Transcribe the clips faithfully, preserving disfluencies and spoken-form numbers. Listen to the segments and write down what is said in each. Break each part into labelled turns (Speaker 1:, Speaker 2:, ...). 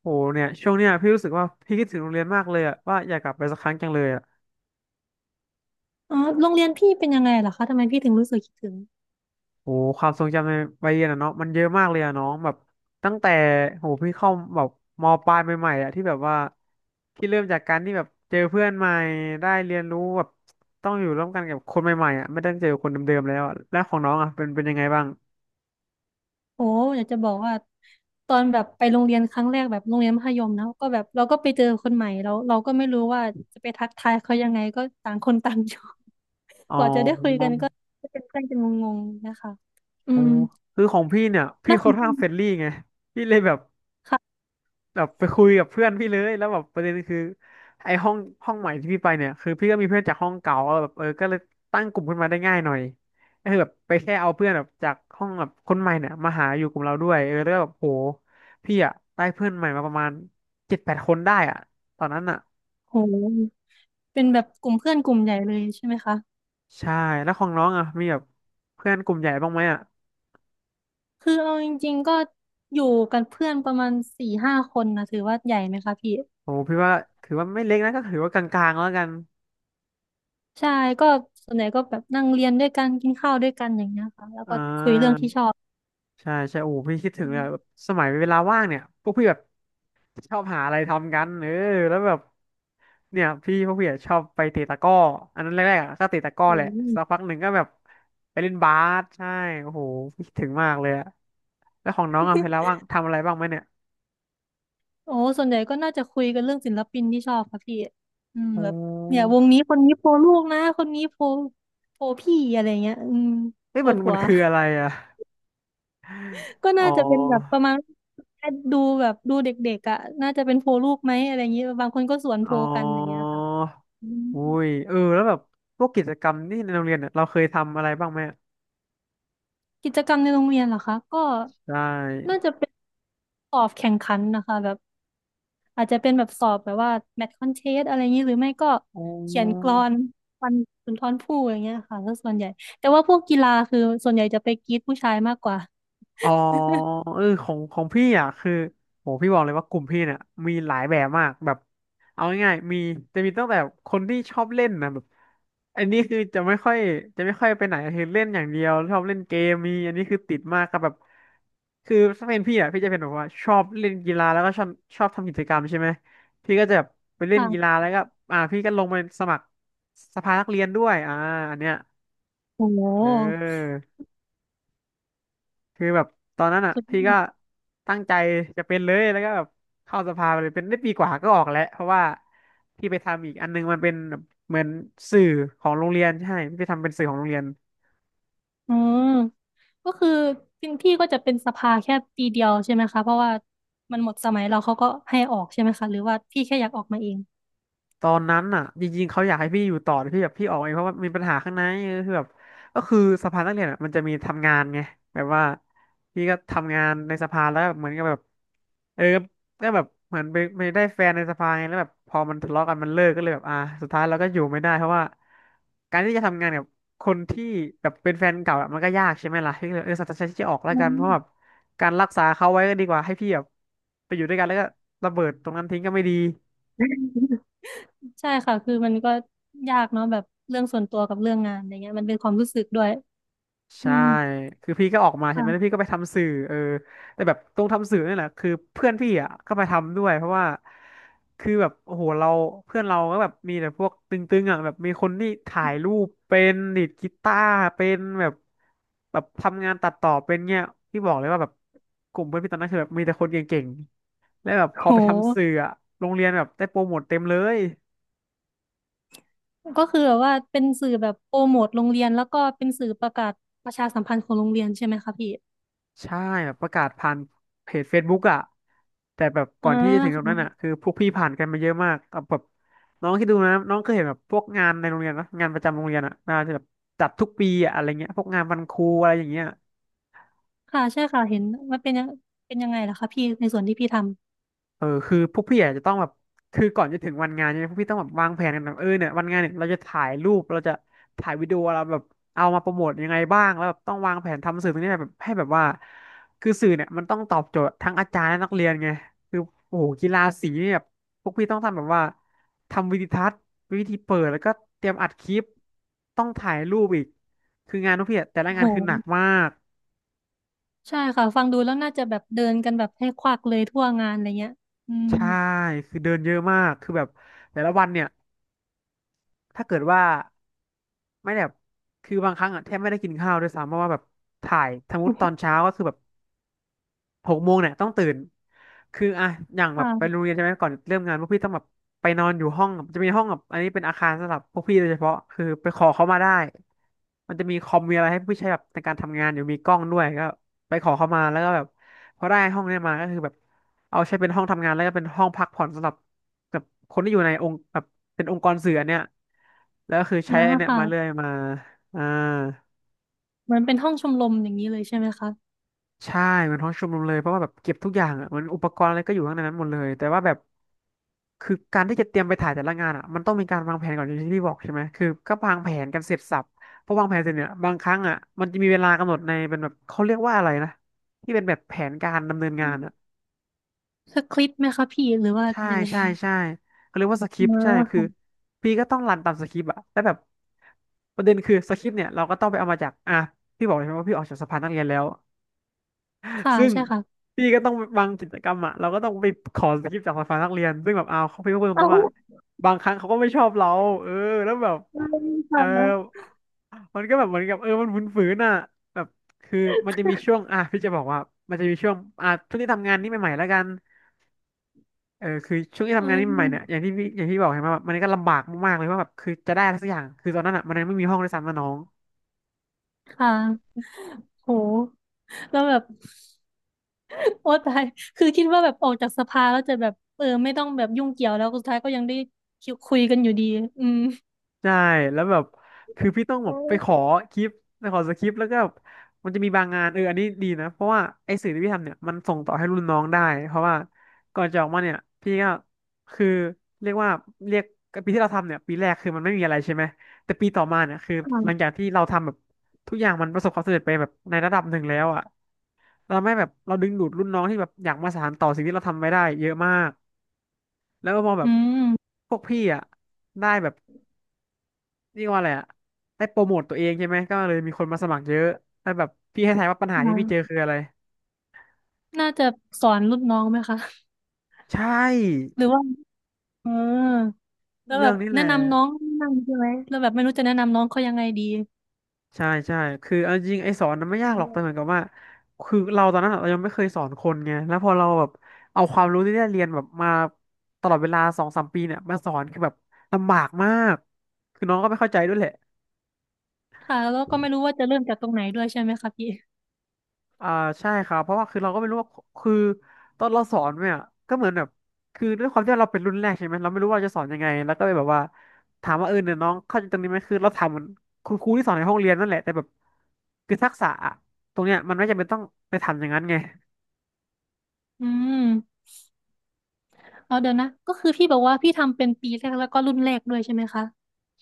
Speaker 1: โหเนี่ยช่วงเนี้ยพี่รู้สึกว่าพี่คิดถึงโรงเรียนมากเลยอะว่าอยากกลับไปสักครั้งจังเลยอะ
Speaker 2: อ๋อโรงเรียนพี่เป็นยังไงเหรอคะทำไมพี่ถึงรู้สึกคิดถึง
Speaker 1: โหความทรงจำในวัยเรียนอะเนาะมันเยอะมากเลยอะน้องแบบตั้งแต่โหพี่เข้าแบบมปลายใหม่ๆอะที่แบบว่าพี่เริ่มจากการที่แบบเจอเพื่อนใหม่ได้เรียนรู้แบบต้องอยู่ร่วมกันกับคนใหม่ๆอะไม่ได้เจอคนเดิมๆแล้วอะแล้วของน้องอะเป็นเป็นยังไงบ้าง
Speaker 2: โอ้อยากจะบอกว่าตอนแบบไปโรงเรียนครั้งแรกแบบโรงเรียนมัธยมนะก็แบบเราก็ไปเจอคนใหม่เราเราก็ไม่รู้ว่าจะไปทักทายเขายังไงก็ต่างคนต่าง อยู่
Speaker 1: อ๋อ
Speaker 2: กว่าจะได้คุยกันก็เป็นเพื่อนกันงงๆนะคะอื
Speaker 1: อ๋อ
Speaker 2: ม
Speaker 1: คือของพี่เนี่ย
Speaker 2: แล้
Speaker 1: พี่
Speaker 2: วข
Speaker 1: ค่
Speaker 2: อ
Speaker 1: อ
Speaker 2: ง
Speaker 1: นข้า
Speaker 2: พี่
Speaker 1: งเฟรนลี่ไงพี่เลยแบบ
Speaker 2: ค่ะ
Speaker 1: แบบไปคุยกับเพื่อนพี่เลยแล้วแบบประเด็นคือไอ้ห้องห้องใหม่ที่พี่ไปเนี่ยคือพี่ก็มีเพื่อนจากห้องเก่าแบบเออก็เลยตั้งกลุ่มขึ้นมาได้ง่ายหน่อยก็คือแบบไปแค่เอาเพื่อนแบบจากห้องแบบคนใหม่เนี่ยมาหาอยู่กลุ่มเราด้วยเออแล้วก็แบบโหพี่อะได้เพื่อนใหม่มาประมาณเจ็ดแปดคนได้อะตอนนั้นอะ
Speaker 2: โหเป็นแบบกลุ่มเพื่อนกลุ่มใหญ่เลยใช่ไหมคะ
Speaker 1: ใช่แล้วของน้องอะมีแบบเพื่อนกลุ่มใหญ่บ้างไหมอะ
Speaker 2: คือเอาจริงๆก็อยู่กันเพื่อนประมาณสี่ห้าคนนะถือว่าใหญ่ไหมคะพี่
Speaker 1: โอ้พี่ว่าถือว่าไม่เล็กนะก็ถือว่ากลางๆแล้วกัน
Speaker 2: ใช่ก็ส่วนใหญ่ก็แบบนั่งเรียนด้วยกันกินข้าวด้วยกันอย่างเงี้ยค่ะแล้ว
Speaker 1: อ่
Speaker 2: ก็คุยเรื่อง
Speaker 1: า
Speaker 2: ที่ชอบ
Speaker 1: ใช่ใช่โอ้พี่คิดถึง
Speaker 2: อื
Speaker 1: เลย
Speaker 2: ม
Speaker 1: อะแบบสมัยเวลาว่างเนี่ยพวกพี่แบบ ชอบหาอะไรทำกันเออแล้วแบบเนี่ยพี่พวกพี่อะชอบไปเตะตะกร้ออันนั้นแรกๆอะก็เตะตะกร้อ
Speaker 2: อื
Speaker 1: แหละสัก
Speaker 2: ม
Speaker 1: พักหนึ่งก็แบบไปเล่นบาสใช่โอ้โหคิดถึงมากเลยอะแล้วของน้องอะเวลาว่างทำอะไรบ้างไหมเนี่ย
Speaker 2: โอ้ส่วนใหญ่ก็น่าจะคุยกันเรื่องศิลปินที่ชอบค่ะพี่อืม
Speaker 1: โอ้
Speaker 2: แบบเนี่ยวงนี้คนนี้โปรลูกนะคนนี้โปรโปรพี่อะไรเงี้ยอืม
Speaker 1: เอ้ย
Speaker 2: โปร
Speaker 1: มัน
Speaker 2: ผั
Speaker 1: มัน
Speaker 2: ว
Speaker 1: คืออะไรอะ
Speaker 2: ก็
Speaker 1: อ๋
Speaker 2: น่าจะเป็นแบบป
Speaker 1: อ
Speaker 2: ระมาณดูแบบดูเด็กๆอ่ะน่าจะเป็นโปรลูกไหมอะไรอย่างเงี้ยบางคนก็สวนโพ
Speaker 1: อ๋
Speaker 2: ลกันอย่างเงี้ย
Speaker 1: อ
Speaker 2: ค่ะอืม
Speaker 1: อุ้ยเออแล้วแบบพวกกิจกรรมที่ในโรงเรียนเนี่ยเราเคยทำอะไรบ้างไหมอะ
Speaker 2: กิจกรรมในโรงเรียนเหรอคะก็
Speaker 1: ใช่
Speaker 2: น่าจะเป็นสอบแข่งขันนะคะแบบ อาจจะเป็นแบบสอบแบบว่าแมทคอนเทสอะไรอย่างนี้หรือไม่ก็
Speaker 1: อ๋อ
Speaker 2: เขียนกลอนวันสุนทรภู่อย่างเงี้ยค่ะก็ส่วนใหญ่แต่ว่าพวกกีฬาคือส่วนใหญ่จะไปกรีดผู้ชายมากกว่า
Speaker 1: อ๋อเออของของพี่อ่ะคือโหพี่บอกเลยว่ากลุ่มพี่เนี่ยมีหลายแบบมากแบบเอาง่ายๆมีจะมีตั้งแต่คนที่ชอบเล่นนะแบบอันนี้คือจะไม่ค่อยจะไม่ค่อยไปไหนคือเล่นอย่างเดียวชอบเล่นเกมมีอันนี้คือติดมากครับแบบคือถ้าเป็นพี่อ่ะพี่จะเป็นแบบว่าชอบเล่นกีฬาแล้วก็ชอบชอบทำกิจกรรมใช่ไหมพี่ก็จะแบบไปเล่นกีฬา
Speaker 2: ค่ะ
Speaker 1: แล้วก็อ่าพี่ก็ลงไปสมัครสภานักเรียนด้วยอ่าอันเนี้ย
Speaker 2: โอ้โห
Speaker 1: เออ คือแบบตอนนั้นอ่ะ
Speaker 2: สุด
Speaker 1: พี่
Speaker 2: ยอ
Speaker 1: ก็
Speaker 2: ด
Speaker 1: ตั้งใจจะเป็นเลยแล้วก็แบบเข้าสภาไปเลยเป็นได้ปีกว่าก็ออกแล้วเพราะว่าพี่ไปทำอีกอันนึงมันเป็นแบบเหมือนสื่อของโรงเรียนใช่พี่ไปทำเป็นสื่อของโรงเรียน
Speaker 2: อืมก็คือพี่พี่ก็จะเป็นสภาแค่ปีเดียวใช่ไหมคะเพราะว่ามันหมดสมัยเราเขาก็ให้ออกใช่ไหมคะหรือว่าพี่แค่อยากออกมาเอง
Speaker 1: ตอนนั้นอ่ะจริงๆเขาอยากให้พี่อยู่ต่อแต่พี่แบบพี่ออกเองเพราะว่ามีปัญหาข้างในเออคือแบบก็คือสภานักเรียนอ่ะมันจะมีทำงานไงแบบว่าพี่ก็ทำงานในสภาแล้วเหมือนกับแบบเออก็แบบเหมือนไปไปได้แฟนในสภาไงแล้วแบบพอมันทะเลาะกันมันเลิกก็เลยแบบอ่าสุดท้ายเราก็อยู่ไม่ได้เพราะว่าการที่จะทำงานกับคนที่แบบเป็นแฟนเก่าอะมันก็ยากใช่ไหมล่ะพี่ก็เลยเออสัตยนใจที่จะออกแล้ว
Speaker 2: อื
Speaker 1: กันเพราะแบบ
Speaker 2: ม
Speaker 1: การรักษาเขาไว้ก็ดีกว่าให้พี่แบบไปอยู่ด้วยกันแล้วก็ระเบิดตรงนั้นทิ้งก็ไม่ดี
Speaker 2: ใช่ค่ะคือมันก็ยากเนาะแบบเรื่องส่วนตัวกับเรื่องงานอะไรเงี้ยมันเป็นความรู้สึกด้วยอื
Speaker 1: ใช่
Speaker 2: ม
Speaker 1: คือพี่ก็ออกมาใช่ไหมแล้ว
Speaker 2: ค่ะ
Speaker 1: พี่ก็ไปทำสื่อเออแต่แบบตรงทำสื่อนี่แหละคือเพื่อนพี่อ่ะก็ไปทำด้วยเพราะว่าคือแบบโอ้โหเราเพื่อนเราก็แบบมีแต่พวกตึงๆอ่ะแบบมีคนที่ถ่ายรูปเป็นดีดกีตาร์เป็นแบบแบบทำงานตัดต่อเป็นเงี้ยพี่บอกเลยว่าแบบกลุ่มเพื่อนพี่ตอนนั้นคือแบบมีแต่คนเก่งๆแล้วแบบพอ
Speaker 2: โห
Speaker 1: ไปทำสื่ออ่ะโรงเรียนแบบได้โปรโมทเต็มเลย
Speaker 2: ก็คือแบบว่าเป็นสื่อแบบโปรโมทโรงเรียนแล้วก็เป็นสื่อประกาศประชาสัมพันธ์ของโรงเรียนใช่ไหมคะพี่
Speaker 1: ใช่แบบประกาศผ่านเพจ เฟซบุ๊ก อ่ะแต่แบบก่
Speaker 2: อ่า
Speaker 1: อนที่จะถึงตรงนั้นอ่ะ
Speaker 2: ค่ะ
Speaker 1: คือพวกพี่ผ่านกันมาเยอะมากเอาแบบน้องคิดดูนะน้องเคยเห็นแบบพวกงานในโรงเรียนนะงานประจำโรงเรียนอ่ะน่าจะแบบจัดทุกปีอ่ะอะไรเงี้ยพวกงานวันครูอะไรอย่างเงี้ย
Speaker 2: ค่ะใช่ค่ะเห็นว่าเป็นยังเป็นยังไงล่ะคะพี่ในส่วนที่พี่ท
Speaker 1: เออคือพวกพี่อาจจะต้องแบบคือก่อนจะถึงวันงานเนี่ยพวกพี่ต้องแบบวางแผนกันแบบเออเนี่ยวันงานเนี่ยเราจะถ่ายรูปเราจะถ่ายวิดีโอเราแบบเอามาโปรโมทยังไงบ้างแล้วแบบต้องวางแผนทำสื่อตรงนี้แบบให้แบบว่าคือสื่อเนี่ยมันต้องตอบโจทย์ทั้งอาจารย์และนักเรียนไงคือโอ้โหกีฬาสีเนี่ยแบบพวกพี่ต้องทำแบบว่าทำวิดีทัศน์วิธีเปิดแล้วก็เตรียมอัดคลิปต้องถ่ายรูปอีกคืองานพวกพี่อะแต่ละ
Speaker 2: ำ
Speaker 1: งา
Speaker 2: โห
Speaker 1: นคือหนักมาก
Speaker 2: ใช่ค่ะฟังดูแล้วน่าจะแบบเดินกันแบบให้ควักเลยทั่วงานอะไรเงี้ยอืม
Speaker 1: ใช่คือเดินเยอะมากคือแบบแต่ละวันเนี่ยถ้าเกิดว่า ไม่แบบคือบางครั้งอ่ะแทบไม่ได้กินข้าวด้วยซ้ำเพราะว่าแบบถ่ายสมมติตอนเช้าก็คือแบบ หกโมงเนี่ยต้องตื่นคืออ่ะอย่างแบบ
Speaker 2: ค่ะ
Speaker 1: ไปโรงเรียนใช่ไหมก่อนเริ่มงานพวกพี่ต้องแบบไปนอนอยู่ห้องจะมีห้องแบบอันนี้เป็นอาคารสำหรับพวกพี่โดยเฉพาะคือไปขอเขามาได้มันจะมีคอมมีอะไรให้พี่ใช้แบบในการทำงานอยู่มีกล้องด้วยก็ไปขอเขามาแล้วก็แบบพอได้ห้องเนี้ยมาก็คือแบบเอาใช้เป็นห้องทำงานแล้วก็เป็นห้องพักผ่อนสำหรับแบบคนที่อยู่ในองค์แบบเป็นองค์กรสื่ออันเนี้ยแล้วก็คือใช้
Speaker 2: อ่า
Speaker 1: อันเนี้ยมาเรื่อ
Speaker 2: ค่ะ
Speaker 1: ยมาอ่า
Speaker 2: เหมือนเป็นห้องชมรมอย่างนี้เลยใช่ไหมคะ
Speaker 1: ใช่มันห้องชุมนุมเลยเพราะว่าแบบเก็บทุกอย่างอ่ะมันอุปกรณ์อะไรก็อยู่ข้างในนั้นหมดเลยแต่ว่าแบบคือการที่จะเตรียมไปถ่ายแต่ละงานอ่ะมันต้องมีการวางแผนก่อนอย่างที่พี่บอกใช่ไหมคือก็วางแผนกันเสร็จสรรพพอวางแผนเสร็จเนี่ยบางครั้งอ่ะมันจะมีเวลากำหนดในเป็นแบบเขาเรียกว่าอะไรนะที่เป็นแบบแผนการดำเนินงา
Speaker 2: อื
Speaker 1: นอ่ะ
Speaker 2: มสคริปต์ไหมคะพี่หรือว่า
Speaker 1: ใช่
Speaker 2: ยังไง
Speaker 1: ใช่ใช่เขาเรียกว่าสคริปต์
Speaker 2: อ่า
Speaker 1: ใช่คือ
Speaker 2: ค่ะ
Speaker 1: พี่ก็ต้องรันตามสคริปต์อ่ะแล้วแบบประเด็นคือสคริปต์เนี่ยเราก็ต้องไปเอามาจากอ่ะพี่บอกเลยใช่ไหมว่าพี่ออกจากสภานักเรียนแล้ว
Speaker 2: ค่ะ
Speaker 1: ซึ่ง
Speaker 2: ใช่ค่ะ
Speaker 1: พี่ก็ต้องบางกิจกรรมอ่ะเราก็ต้องไปขอสคริปต์จากฝ่ายนักเรียนซึ่งแบบเอาวเขาพี่ก็พูดต
Speaker 2: เอา
Speaker 1: รงๆว่าบางครั้งเขาก็ไม่ชอบเราเออแล้วแบบ เออ
Speaker 2: ค่ะ
Speaker 1: มันก็แบบเหมือนกับเออมันฝืนๆน่ะแบบคือมันจะมีช่วงอ่ะพี่จะบอกว่ามันจะมีช่วงอ่ะช่วงที่ทำงานนี่ใหม่ๆแล้วกันเออคือช่วงที่
Speaker 2: อื
Speaker 1: ทำงานนี่ใหม่ๆเนี่ยอย่าง
Speaker 2: ม
Speaker 1: ที่พี่อย่างที่บอกเห็นไหมแบบมันก็ลำบากมากๆเลยว่าแบบคือจะได้อะไรสักอย่างคือตอนนั้นอ่ะมันยังไม่มีห้องด้วยซ้ำนะน้อง
Speaker 2: ค่ะโหแล้วแบบ โอ้ตายคือคิดว่าแบบออกจากสภาแล้วจะแบบเออไม่ต้องแบบยุ่งเกี่ยวแล้วสุดท้ายก็ยังได้คิวคุยกันอยู่ดีอืม
Speaker 1: ใช่แล้วแบบคือพี่ต้องแบบไปขอคลิปไปขอสคริปต์แล้วก็แบบมันจะมีบางงานเอออันนี้ดีนะเพราะว่าไอ้สื่อที่พี่ทำเนี่ยมันส่งต่อให้รุ่นน้องได้เพราะว่าก่อนจะออกมาเนี่ยพี่ก็คือเรียกว่าเรียกปีที่เราทำเนี่ยปีแรกคือมันไม่มีอะไรใช่ไหมแต่ปีต่อมาเนี่ยคือหลัง
Speaker 2: ค่ะ
Speaker 1: จากที่เราทำแบบทุกอย่างมันประสบความสำเร็จไปแบบในระดับหนึ่งแล้วอ่ะเราไม่แบบเราดึงดูดรุ่นน้องที่แบบอยากมาสานต่อสิ่งที่เราทำไว้ได้เยอะมากแล้วก็มองแบ
Speaker 2: อื
Speaker 1: บ
Speaker 2: ม
Speaker 1: พวกพี่อ่ะได้แบบ นี่ว่าอะไรอะได้โปรโมทตัวเองใช่ไหม ก็เลยมีคนมาสมัครเยอะแล้วแบบพี่ให้ทายว่าปัญหาที่พี่เจอ
Speaker 2: ค่ะ
Speaker 1: คืออะไร
Speaker 2: น่าจะสอนรุ่นน้องไหมคะ
Speaker 1: ใช่
Speaker 2: หรือว่าเออแล้วแบ
Speaker 1: เรื่อง
Speaker 2: บ
Speaker 1: นี้แห
Speaker 2: แนะ
Speaker 1: ละ
Speaker 2: นำน้องนั่งใช่ไหมแล้วแบบไม่รู้จะแนะนำน้องเขายังไงดี
Speaker 1: ใช่ใช่คือเอาจริงไอ้สอนน่ะไม่
Speaker 2: อื
Speaker 1: ยากหรอก
Speaker 2: ม
Speaker 1: แต่เหมือนกับว่าคือเราตอนนั้นอะเรายังไม่เคยสอนคนไงแล้วพอเราแบบเอาความรู้ที่ได้เรียนแบบมาตลอดเวลาสองสามปีเนี่ยมาสอนคือแบบลำบากมากคือน้องก็ไม่เข้าใจด้วยแหละ
Speaker 2: ค่ะแล้วก็ไม่รู้ว่าจะเริ่มจากตรงไหนด้วยใช่ไหมคะพี่
Speaker 1: อ่าใช่ครับเพราะว่าคือเราก็ไม่รู้ว่าคือตอนเราสอนเนี่ยก็เหมือนแบบคือด้วยความที่เราเป็นรุ่นแรกใช่ไหมเราไม่รู้ว่าจะสอนยังไงแล้วก็เลยแบบว่าถามว่าเออเนี่ยน้องเข้าใจตรงนี้ไหมคือเราถามเหมือนคุณครูที่สอนในห้องเรียนนั่นแหละแต่แบบคือทักษะอะตรงเนี้ยมันไม่จำเป็นต้องไปทำอย่างนั้นไง
Speaker 2: อืมเอาเดี๋ยวนะก็คือพี่บอกว่าพี่ทำเป็นปีแรกแล้วก็รุ่นแรกด้วยใช่ไหมคะ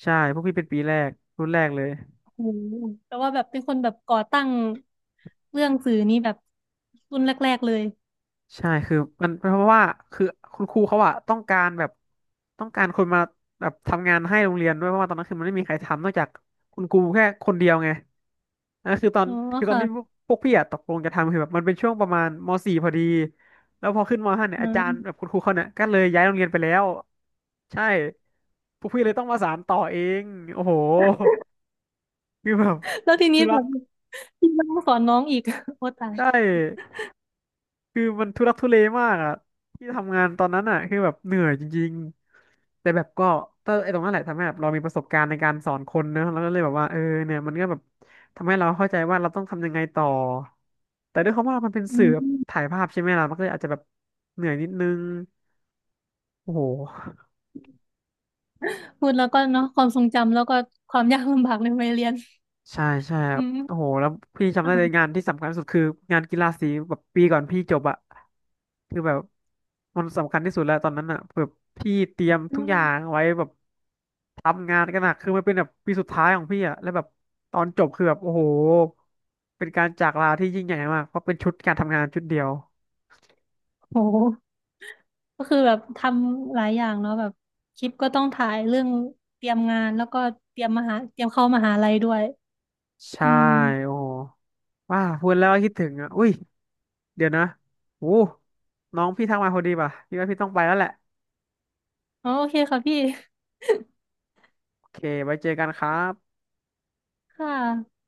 Speaker 1: ใช่พวกพี่เป็นปีแรกรุ่นแรกเลย
Speaker 2: โอ้แต่ว่าแบบเป็นคนแบบก่อตั้งเรื่องสื่อนี้แบบรุ่นแรกๆเลย
Speaker 1: ใช่คือมันเพราะว่าคือคุณครูเขาอะต้องการแบบต้องการคนมาแบบทำงานให้โรงเรียนด้วยเพราะว่าตอนนั้นคือมันไม่มีใครทำนอกจากคุณครูแค่คนเดียวไงนั่นคือตอน
Speaker 2: อ๋อ
Speaker 1: คือตอนที่พ
Speaker 2: ค่ะ
Speaker 1: วกพวกพี่อะตกลงจะทำคือแบบมันเป็นช่วงประมาณม .สี่ พอดีแล้วพอขึ้นม .ห้า เนี่ย
Speaker 2: อ่
Speaker 1: อาจารย์แบบ
Speaker 2: า
Speaker 1: คุณครูเขาเนี่ยก็เลยย้ายโรงเรียนไปแล้วใช่พวกพี่เลยต้องมาสานต่อเองโอ้โหคือแบบ
Speaker 2: แล้วทีนี้
Speaker 1: ทุลั
Speaker 2: แบ
Speaker 1: ก
Speaker 2: บพี่ต้องสอนน้องอีก โอ้ตาย
Speaker 1: ใช่ คือมันทุลักทุเลมากอ่ะที่ทำงานตอนนั้นอ่ะคือแบบเหนื่อยจริงๆแต่แบบก็ถ้าไอ้ตรงนั้นแหละทำให้แบบเรามีประสบการณ์ในการสอนคนเนอะแล้วก็เลยแบบว่าเออเนี่ยมันก็แบบทำให้เราเข้าใจว่าเราต้องทำยังไงต่อแต่ด้วยความว่ามันเป็น
Speaker 2: อื
Speaker 1: สื่อแบบ
Speaker 2: ม
Speaker 1: ถ่ายภาพใช่ไหมล่ะมันก็เลยอาจจะแบบเหนื่อยนิดนึงโอ้โห
Speaker 2: พูดแล้วก็เนาะความทรงจำแล้วก็ความยากลำบากในวัยเรียน
Speaker 1: ใช่ใช่ครั
Speaker 2: อื
Speaker 1: บโอ้
Speaker 2: ม
Speaker 1: โหแล้วพี่จำได้เลย
Speaker 2: อ่า
Speaker 1: งานที่สำคัญที่สุดคืองานกีฬาสีแบบปีก่อนพี่จบอะคือแบบมันสำคัญที่สุดแล้วตอนนั้นอะแบบพี่เตรียม
Speaker 2: อื
Speaker 1: ทุกอย่าง
Speaker 2: ม
Speaker 1: ไว้แบบทำงานกันหนักคือมันเป็นแบบปีสุดท้ายของพี่อะแล้วแบบตอนจบคือแบบโอ้โหเป็นการจากลาที่ยิ่งใหญ่มากเพราะเป็นชุดการทำงานชุดเดียว
Speaker 2: โหก็คือแบบทำหลายอย่างเนาะแบบคลิปก็ต้องถ่ายเรื่องเตรียมงานแล้วก็เตรียมมหาเตรียมเข้ามหาลัยด้วยอื
Speaker 1: ใช่
Speaker 2: ม
Speaker 1: โอ้โหว้าพูดแล้วก็คิดถึงอ่ะอุ้ยเดี๋ยวนะโอ้น้องพี่ทักมาพอดีป่ะพี่ว่าพี่ต้องไปแล้วแหละ
Speaker 2: อ๋อโอเคค่ะพี่
Speaker 1: โอเคไว้เจอกันครับ
Speaker 2: ค่ะ